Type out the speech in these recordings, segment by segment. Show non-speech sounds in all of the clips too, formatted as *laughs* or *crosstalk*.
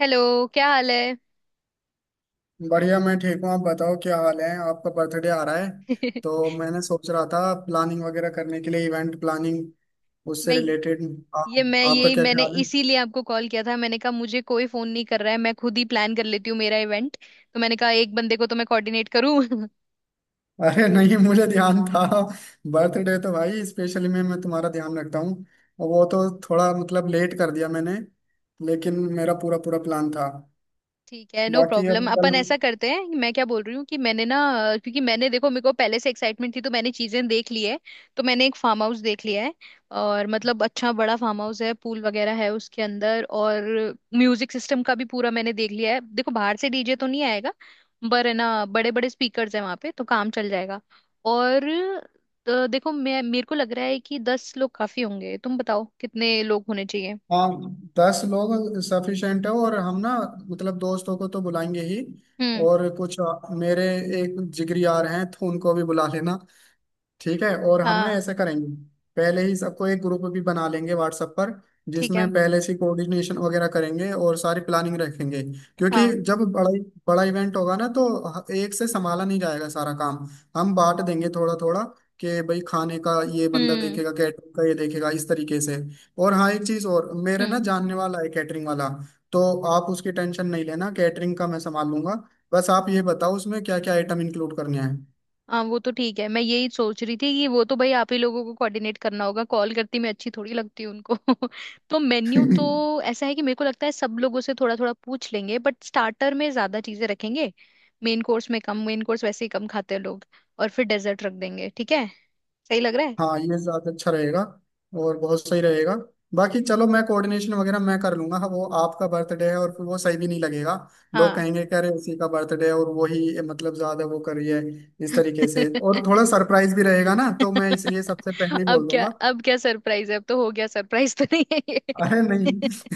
Hello, क्या हाल है। बढ़िया। मैं ठीक हूँ, आप बताओ क्या हाल है? आपका बर्थडे आ रहा है *laughs* तो मैंने सोच रहा था प्लानिंग वगैरह करने के लिए, इवेंट प्लानिंग उससे मैं रिलेटेड। ये मैं आपका यही क्या मैंने ख्याल है? इसीलिए आपको कॉल किया था। मैंने कहा मुझे कोई फोन नहीं कर रहा है, मैं खुद ही प्लान कर लेती हूँ मेरा इवेंट। तो मैंने कहा एक बंदे को तो मैं कोऑर्डिनेट करूँ। *laughs* *laughs* अरे नहीं, मुझे ध्यान था। बर्थडे तो भाई स्पेशली मैं तुम्हारा ध्यान रखता हूँ। और वो तो थोड़ा मतलब लेट कर दिया मैंने, लेकिन मेरा पूरा पूरा प्लान था। ठीक है, नो बाकी अब प्रॉब्लम। कल। अपन ऐसा करते हैं, मैं क्या बोल रही हूँ कि मैंने ना, क्योंकि मैंने, देखो, मेरे को पहले से एक्साइटमेंट थी तो मैंने चीजें देख ली है। तो मैंने एक फार्म हाउस देख लिया है। और मतलब अच्छा बड़ा फार्म हाउस है, पूल वगैरह है उसके अंदर। और म्यूजिक सिस्टम का भी पूरा मैंने देख लिया है। देखो, बाहर से डीजे तो नहीं आएगा पर है ना, बड़े बड़े स्पीकर्स हैं वहाँ पे, तो काम चल जाएगा। और तो देखो, मैं मेरे को लग रहा है कि 10 लोग काफी होंगे, तुम बताओ कितने लोग होने चाहिए। हाँ, 10 लोग सफिशिएंट है। और हम ना मतलब दोस्तों को तो बुलाएंगे ही, हम्म। और कुछ मेरे एक जिगरी यार हैं तो उनको भी बुला लेना। ठीक है, और हम ना हाँ, ऐसा करेंगे, पहले ही सबको एक ग्रुप भी बना लेंगे व्हाट्सएप पर, ठीक जिसमें है। पहले से कोऑर्डिनेशन वगैरह करेंगे और सारी प्लानिंग रखेंगे। क्योंकि हाँ। जब बड़ा बड़ा इवेंट होगा ना, तो एक से संभाला नहीं जाएगा सारा काम। हम बांट देंगे थोड़ा थोड़ा कि भाई खाने का ये बंदा हम्म। देखेगा, कैटरिंग का ये देखेगा, इस तरीके से। और हाँ, एक चीज और, मेरे ना हम्म। जानने वाला है कैटरिंग वाला। तो आप उसकी टेंशन नहीं लेना, कैटरिंग का मैं संभाल लूंगा। बस आप ये बताओ उसमें क्या क्या आइटम इंक्लूड करने हाँ, वो तो ठीक है। मैं यही सोच रही थी कि वो तो भाई आप ही लोगों को कोऑर्डिनेट करना होगा, कॉल करती मैं अच्छी थोड़ी लगती हूँ उनको। *laughs* तो मेन्यू हैं। तो *laughs* ऐसा है कि मेरे को लगता है सब लोगों से थोड़ा थोड़ा पूछ लेंगे, बट स्टार्टर में ज्यादा चीजें रखेंगे। मेन कोर्स में कम, मेन कोर्स वैसे ही कम खाते हैं लोग। और फिर डेजर्ट रख देंगे। ठीक है। सही लग रहा है। हाँ ये ज्यादा अच्छा रहेगा और बहुत सही रहेगा। बाकी चलो, मैं कोऑर्डिनेशन वगैरह मैं कर लूंगा। हाँ, वो आपका बर्थडे है और फिर वो सही भी नहीं लगेगा। लोग हाँ। कहेंगे कि अरे उसी का बर्थडे है और वो ही मतलब ज्यादा वो कर रही है, इस तरीके से। और *laughs* थोड़ा सरप्राइज भी रहेगा ना, तो मैं इसलिए सबसे पहले ही अब बोल क्या, दूंगा। अब क्या सरप्राइज है, अब तो हो गया, सरप्राइज तो नहीं है अरे ये। *laughs* नहीं।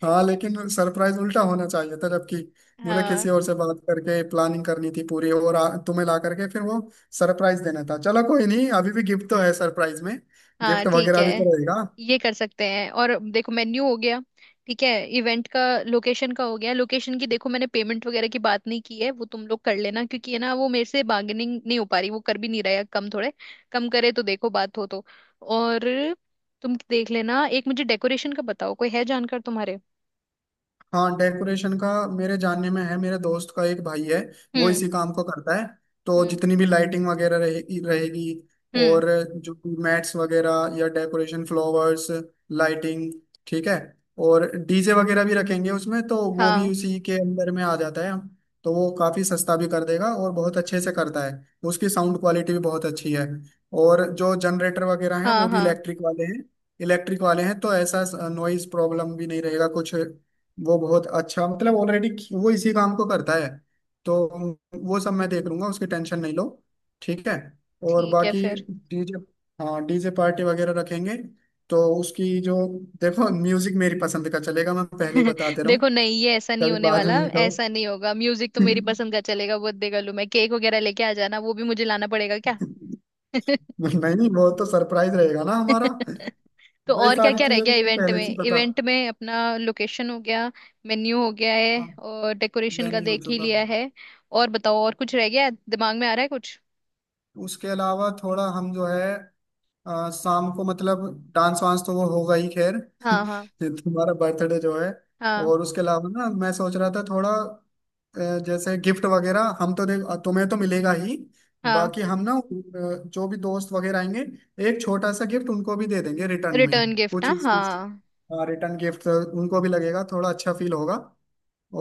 *laughs* हाँ लेकिन सरप्राइज उल्टा होना चाहिए था, जबकि मुझे किसी हाँ। और से बात करके प्लानिंग करनी थी पूरी और तुम्हें ला करके फिर वो सरप्राइज देना था। चलो कोई नहीं, अभी भी गिफ्ट तो है सरप्राइज में। हाँ, गिफ्ट ठीक वगैरह है, भी तो रहेगा। ये कर सकते हैं। और देखो, मेन्यू हो गया, ठीक है। इवेंट का, लोकेशन का हो गया। लोकेशन की, देखो, मैंने पेमेंट वगैरह की बात नहीं की है, वो तुम लोग कर लेना क्योंकि है ना, वो मेरे से बार्गेनिंग नहीं हो पा रही, वो कर भी नहीं रहा है कम थोड़े। कम करे तो देखो बात हो तो। और तुम देख लेना। एक मुझे डेकोरेशन का बताओ, कोई है जानकार तुम्हारे। हाँ डेकोरेशन का मेरे जानने में है, मेरे दोस्त का एक भाई है, वो हम्म। इसी काम को करता है। तो हम्म। जितनी भी लाइटिंग वगैरह रहेगी रहेगी हम्म। और जो मैट्स वगैरह या डेकोरेशन, फ्लावर्स, लाइटिंग। ठीक है, और डीजे वगैरह भी रखेंगे उसमें, तो वो भी हाँ। उसी के अंदर में आ जाता है। तो वो काफ़ी सस्ता भी कर देगा और बहुत अच्छे से करता है। उसकी साउंड क्वालिटी भी बहुत अच्छी है। और जो जनरेटर वगैरह हैं हाँ। वो भी हाँ, इलेक्ट्रिक वाले हैं, इलेक्ट्रिक वाले हैं, तो ऐसा नॉइज प्रॉब्लम भी नहीं रहेगा कुछ। वो बहुत अच्छा, मतलब ऑलरेडी वो इसी काम को करता है। तो वो सब मैं देख लूंगा, उसकी टेंशन नहीं लो। ठीक है। और ठीक है बाकी फिर। डीजे, हाँ डीजे पार्टी वगैरह रखेंगे। तो उसकी जो, देखो म्यूजिक मेरी पसंद का चलेगा, मैं पहले ही बताते *laughs* रहूँ। देखो नहीं, ये ऐसा नहीं कभी होने बाद वाला, में ये कहो। ऐसा नहीं होगा। म्यूजिक तो मेरी पसंद का चलेगा, वो देगा लू। मैं केक वगैरह लेके आ जाना, वो भी मुझे लाना पड़ेगा क्या। *laughs* नहीं, वो तो सरप्राइज रहेगा ना हमारा। *laughs* तो भाई और क्या सारी क्या रह चीजें तो गया तुम इवेंट पहले से में? ही पता। इवेंट में अपना लोकेशन हो गया, मेन्यू हो गया है, हाँ, और डेकोरेशन वह का नहीं हो देख ही चुका। लिया है। और बताओ, और कुछ रह गया है? दिमाग में आ रहा है कुछ? उसके अलावा थोड़ा हम जो है, शाम को मतलब डांस वांस तो वो होगा ही खैर। *laughs* हाँ। हाँ। ये तुम्हारा बर्थडे जो है, हाँ। और उसके अलावा ना मैं सोच रहा था थोड़ा, जैसे गिफ्ट वगैरह हम तो देख, तुम्हें तो मिलेगा ही। हाँ। बाकी हम ना, जो भी दोस्त वगैरह आएंगे, एक छोटा सा गिफ्ट उनको भी दे देंगे रिटर्न में। रिटर्न गिफ्ट, कुछ हाँ कुछ हाँ। रिटर्न गिफ्ट उनको भी लगेगा, थोड़ा अच्छा फील होगा।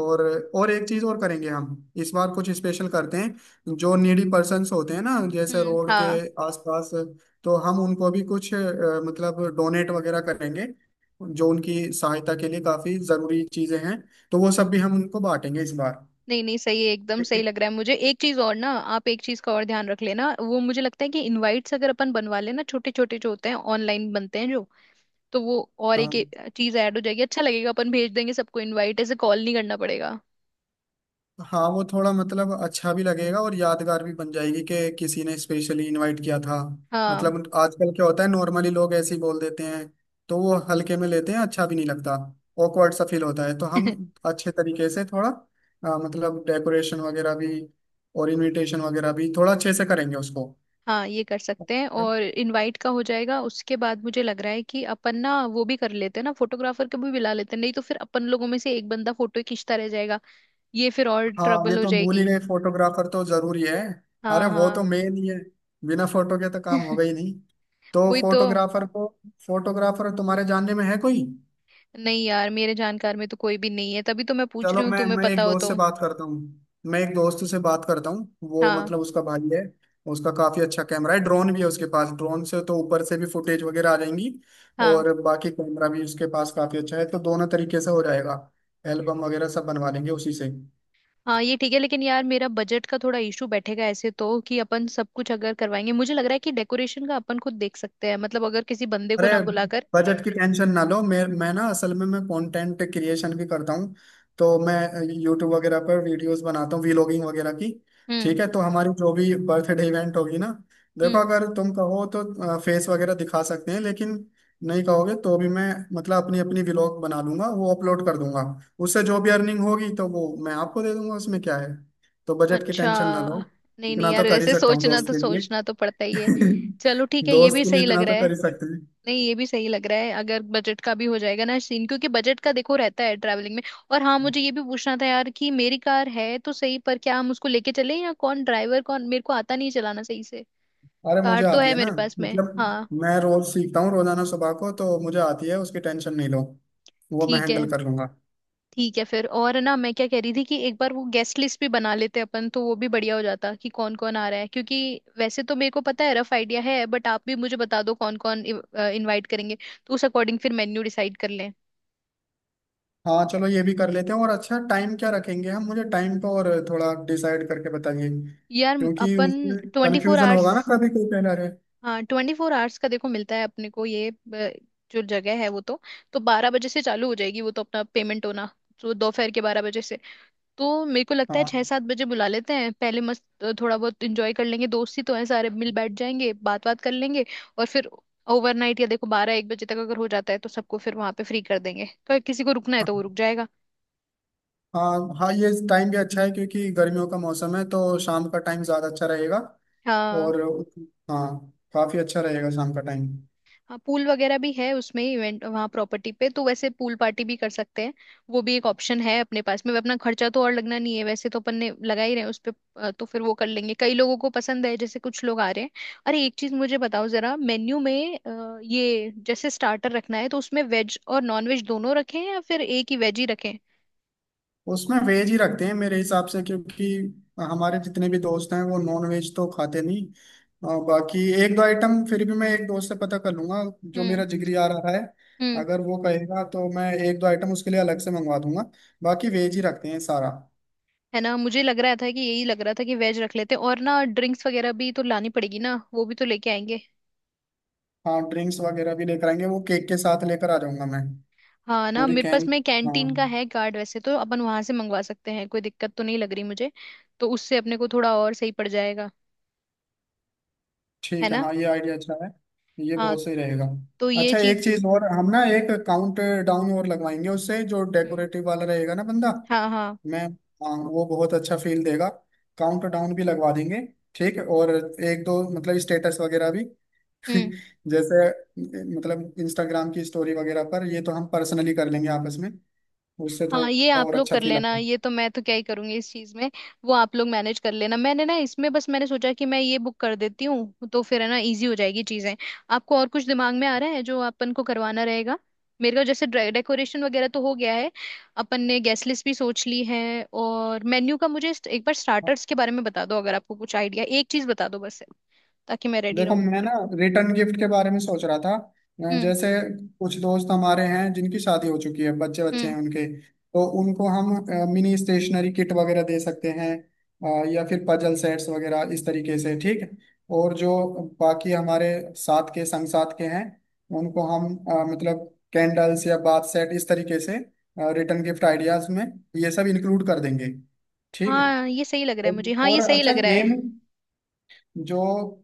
और एक चीज और करेंगे हम, इस बार कुछ स्पेशल करते हैं। जो नीडी पर्सन्स होते हैं ना, जैसे हम्म। रोड के हाँ, आसपास, तो हम उनको भी कुछ मतलब डोनेट वगैरह करेंगे, जो उनकी सहायता के लिए काफी जरूरी चीजें हैं। तो वो सब भी हम उनको बांटेंगे इस बार। नहीं नहीं, सही है, एकदम सही देखिए। लग रहा है मुझे। एक चीज और ना, आप एक चीज का और ध्यान रख लेना। वो मुझे लगता है कि इनवाइट्स अगर अपन बनवा लेना, छोटे छोटे जो होते हैं, ऑनलाइन बनते हैं जो। तो वो और हाँ एक चीज ऐड हो जाएगी, अच्छा लगेगा। अपन भेज देंगे सबको इनवाइट, ऐसे कॉल नहीं करना पड़ेगा। हाँ, वो थोड़ा मतलब अच्छा भी लगेगा और यादगार भी बन जाएगी कि किसी ने स्पेशली इनवाइट किया था। हाँ। मतलब आजकल क्या होता है, नॉर्मली लोग ऐसे ही बोल देते हैं, तो वो हल्के में लेते हैं, अच्छा भी नहीं लगता। awkward सा फील होता है, तो हम *laughs* अच्छे तरीके से थोड़ा, मतलब डेकोरेशन वगैरह भी और इनविटेशन वगैरह भी थोड़ा अच्छे से करेंगे उसको। हाँ ये कर सकते हैं। और इनवाइट का हो जाएगा, उसके बाद मुझे लग रहा है कि अपन ना वो भी कर लेते हैं ना, फोटोग्राफर को भी बुला लेते हैं, नहीं तो फिर अपन लोगों में से एक बंदा फोटो खींचता रह जाएगा। ये फिर और हाँ ये ट्रबल हो तो हम भूल ही जाएगी। गए, फोटोग्राफर तो जरूरी है। अरे हाँ वो तो हाँ। मेन ही है, बिना फोटो के तो काम होगा ही नहीं। तो वही तो। फोटोग्राफर को, फोटोग्राफर तुम्हारे जानने में है कोई? नहीं यार, मेरे जानकार में तो कोई भी नहीं है, तभी तो मैं पूछ चलो रही हूँ, मैं तुम्हें मैं पता एक हो दोस्त से तो। बात करता हूँ। मैं एक दोस्त से बात करता हूँ, वो हाँ। मतलब उसका भाई है। उसका काफी अच्छा कैमरा है, ड्रोन भी है उसके पास। ड्रोन से तो ऊपर से भी फुटेज वगैरह आ जाएंगी, हाँ। और बाकी कैमरा भी उसके पास काफी अच्छा है, तो दोनों तरीके से हो जाएगा। एल्बम वगैरह सब बनवा लेंगे उसी से। हाँ ये ठीक है, लेकिन यार, मेरा बजट का थोड़ा इशू बैठेगा ऐसे तो, कि अपन सब कुछ अगर करवाएंगे। मुझे लग रहा है कि डेकोरेशन का अपन खुद देख सकते हैं, मतलब अगर किसी बंदे को अरे ना बुलाकर। बजट की टेंशन ना लो। मैं ना, असल में मैं कंटेंट क्रिएशन भी करता हूँ। तो मैं यूट्यूब वगैरह पर वीडियोस बनाता हूँ, व्लॉगिंग वगैरह की। हम्म। ठीक है, तो हमारी जो भी बर्थडे इवेंट होगी ना, देखो हम्म। अगर तुम कहो तो फेस वगैरह दिखा सकते हैं, लेकिन नहीं कहोगे तो भी मैं मतलब अपनी अपनी व्लॉग बना लूंगा, वो अपलोड कर दूंगा। उससे जो भी अर्निंग होगी तो वो मैं आपको दे दूंगा, उसमें क्या है। तो बजट की अच्छा। टेंशन ना लो, नहीं नहीं इतना तो यार, कर ही ऐसे सकता हूँ दोस्त के लिए। सोचना तो पड़ता ही है। *laughs* चलो ठीक है, ये दोस्त भी के लिए सही लग इतना रहा तो है। कर ही सकते हैं। नहीं, ये भी सही लग रहा है, अगर बजट का भी हो जाएगा ना सीन, क्योंकि बजट का देखो रहता है ट्रैवलिंग में। और हाँ, मुझे ये भी पूछना था यार, कि मेरी कार है तो सही, पर क्या हम उसको लेके चले, या कौन ड्राइवर? कौन, मेरे को आता नहीं चलाना सही से। अरे मुझे कार तो आती है है ना, मेरे पास में, मतलब हाँ। मैं रोज सीखता हूँ रोजाना सुबह को, तो मुझे आती है, उसकी टेंशन नहीं लो, वो मैं ठीक है। हैंडल कर लूंगा। ठीक है फिर। और है ना, मैं क्या कह रही थी, कि एक बार वो गेस्ट लिस्ट भी बना लेते अपन, तो वो भी बढ़िया हो जाता कि कौन कौन आ रहा है। क्योंकि वैसे तो मेरे को पता है, रफ आइडिया है, बट आप भी मुझे बता दो कौन कौन इनवाइट करेंगे, तो उस अकॉर्डिंग फिर मेन्यू डिसाइड कर लें। हाँ चलो ये भी कर लेते हैं, और अच्छा टाइम क्या रखेंगे हम? मुझे टाइम तो और थोड़ा डिसाइड करके बताइए, यार क्योंकि अपन, उसमें ट्वेंटी फोर कन्फ्यूजन आवर्स होगा ना, कभी कोई कह रहे। हाँ, 24 आवर्स का देखो मिलता है अपने को ये, जो जगह है वो तो 12 बजे से चालू हो जाएगी वो तो, अपना पेमेंट होना। तो दोपहर के 12 बजे से। तो मेरे को लगता है हाँ। 6-7 बजे बुला लेते हैं पहले, मस्त, थोड़ा बहुत इंजॉय कर लेंगे। दोस्त ही तो हैं सारे, मिल बैठ जाएंगे, बात बात कर लेंगे। और फिर ओवरनाइट, या देखो 12-1 बजे तक अगर हो जाता है, तो सबको फिर वहां पे फ्री कर देंगे, तो किसी को रुकना है तो वो रुक जाएगा। हाँ, हाँ, ये टाइम भी अच्छा है, क्योंकि गर्मियों का मौसम है तो शाम का टाइम ज़्यादा अच्छा रहेगा। हाँ। और हाँ, काफ़ी अच्छा रहेगा शाम का टाइम। हाँ, पूल वगैरह भी है उसमें इवेंट, वहाँ प्रॉपर्टी पे, तो वैसे पूल पार्टी भी कर सकते हैं। वो भी एक ऑप्शन है अपने पास में, अपना खर्चा तो और लगना नहीं है, वैसे तो अपन ने लगा ही रहे हैं उस पे। तो फिर वो कर लेंगे, कई लोगों को पसंद है, जैसे कुछ लोग आ रहे हैं। अरे एक चीज मुझे बताओ जरा, मेन्यू में ये जैसे स्टार्टर रखना है, तो उसमें वेज और नॉन वेज दोनों रखें, या फिर एक ही वेज ही रखें। उसमें वेज ही रखते हैं मेरे हिसाब से, क्योंकि हमारे जितने भी दोस्त हैं वो नॉन वेज तो खाते नहीं। बाकी एक दो आइटम फिर भी मैं एक दोस्त से पता कर लूंगा, जो हम्म। मेरा जिगरी आ रहा है। हम्म। अगर वो कहेगा तो मैं एक दो आइटम उसके लिए अलग से मंगवा दूंगा, बाकी वेज ही रखते हैं सारा। है ना, मुझे लग रहा था कि यही लग रहा था कि वेज रख लेते हैं। और ना ड्रिंक्स वगैरह भी तो लानी पड़ेगी ना, वो भी तो लेके आएंगे। हाँ ड्रिंक्स वगैरह भी लेकर आएंगे, वो केक के साथ लेकर आ जाऊंगा मैं। हाँ ना, पूरी मेरे पास कैन। में हाँ। कैंटीन का है कार्ड, वैसे तो अपन वहां से मंगवा सकते हैं, कोई दिक्कत तो नहीं लग रही मुझे। तो उससे अपने को थोड़ा और सही पड़ जाएगा। है ठीक है, ना। हाँ ये आइडिया अच्छा है, ये हाँ। बहुत सही रहेगा। तो ये अच्छा एक चीज। चीज और, हम ना एक काउंट डाउन और लगवाएंगे उससे, जो हम्म। डेकोरेटिव वाला रहेगा ना बंदा। हाँ। हाँ। मैं, हाँ वो बहुत अच्छा फील देगा। काउंट डाउन भी लगवा देंगे। ठीक है, और एक दो मतलब स्टेटस वगैरह भी, *laughs* हम्म। जैसे मतलब इंस्टाग्राम की स्टोरी वगैरह पर, ये तो हम पर्सनली कर लेंगे आपस में। उससे हाँ ये थोड़ा आप और लोग अच्छा कर फील लेना, आएगा। ये तो मैं तो क्या ही करूंगी इस चीज में। वो आप लोग मैनेज कर लेना, मैंने ना इसमें बस मैंने सोचा कि मैं ये बुक कर देती हूँ, तो फिर है ना इजी हो जाएगी चीजें। आपको और कुछ दिमाग में आ रहा है जो अपन को करवाना रहेगा? मेरे को जैसे डेकोरेशन वगैरह तो हो गया है, अपन ने गेस्ट लिस्ट भी सोच ली है। और मेन्यू का मुझे एक बार स्टार्टर्स के बारे में बता दो, अगर आपको कुछ आइडिया। एक चीज बता दो बस, ताकि मैं रेडी देखो रहूं। मैं ना रिटर्न गिफ्ट के बारे में सोच रहा था, हम्म। जैसे कुछ दोस्त हमारे हैं जिनकी शादी हो चुकी है, बच्चे बच्चे हम्म। हैं उनके, तो उनको हम मिनी स्टेशनरी किट वगैरह दे सकते हैं, या फिर पजल सेट्स वगैरह इस तरीके से, ठीक है। और जो बाकी हमारे साथ के हैं, उनको हम मतलब कैंडल्स या बाथ सेट इस तरीके से रिटर्न गिफ्ट आइडियाज में ये सब इंक्लूड कर देंगे। ठीक हाँ है। ये सही लग रहा है मुझे। हाँ ये और सही अच्छा लग रहा है। गेम, जो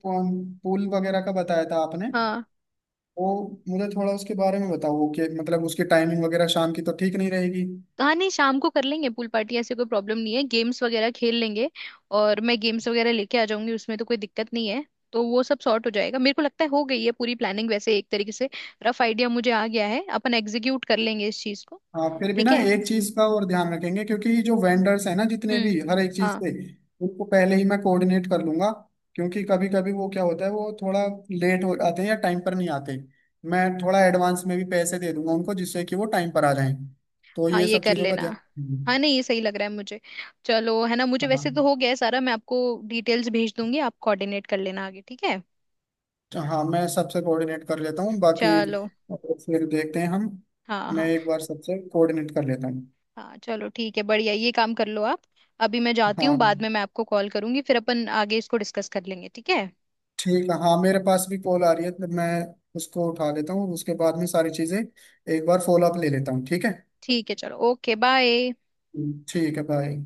पुल पुल वगैरह का बताया था आपने, हाँ वो मुझे थोड़ा उसके बारे में बताओ कि मतलब उसकी टाइमिंग वगैरह शाम की तो ठीक नहीं रहेगी। हाँ। नहीं शाम को कर लेंगे पूल पार्टी, ऐसे कोई प्रॉब्लम नहीं है, गेम्स वगैरह खेल लेंगे। और मैं गेम्स वगैरह लेके आ जाऊंगी, उसमें तो कोई दिक्कत नहीं है। तो वो सब सॉर्ट हो जाएगा, मेरे को लगता है हो गई है पूरी प्लानिंग, वैसे एक तरीके से। रफ आइडिया मुझे आ गया है, अपन एग्जीक्यूट कर लेंगे इस चीज को। हाँ फिर भी ठीक ना है। एक चीज का और ध्यान रखेंगे, क्योंकि जो वेंडर्स हैं ना जितने हम्म। भी हर एक चीज हाँ। के, उनको पहले ही मैं कोऑर्डिनेट कर लूंगा। क्योंकि कभी कभी वो क्या होता है, वो थोड़ा लेट हो आते हैं या टाइम पर नहीं आते। मैं थोड़ा एडवांस में भी पैसे दे दूंगा उनको, जिससे कि वो टाइम पर आ जाएं। तो हाँ ये ये सब कर चीजों का लेना। ध्यान हाँ रखेंगे। नहीं, ये सही लग रहा है मुझे। चलो है ना, मुझे वैसे हाँ। तो हो गया है सारा, मैं आपको डिटेल्स भेज दूंगी, आप कोऑर्डिनेट कर लेना आगे, ठीक है। तो हाँ, मैं सबसे कोऑर्डिनेट कर लेता हूँ बाकी, चलो। फिर देखते हैं हम। हाँ मैं हाँ। एक बार सबसे कोऑर्डिनेट कर लेता हूँ। हाँ चलो ठीक है, बढ़िया, ये काम कर लो आप। अभी मैं जाती हूँ, हाँ बाद में मैं आपको कॉल करूंगी, फिर अपन आगे इसको डिस्कस कर लेंगे, ठीक है। ठीक है, हाँ मेरे पास भी कॉल आ रही है तो मैं उसको उठा लेता हूँ, उसके बाद में सारी चीज़ें एक बार फॉलो अप ले लेता हूँ, ठीक है। ठीक है चलो, ओके बाय। ठीक है, बाय।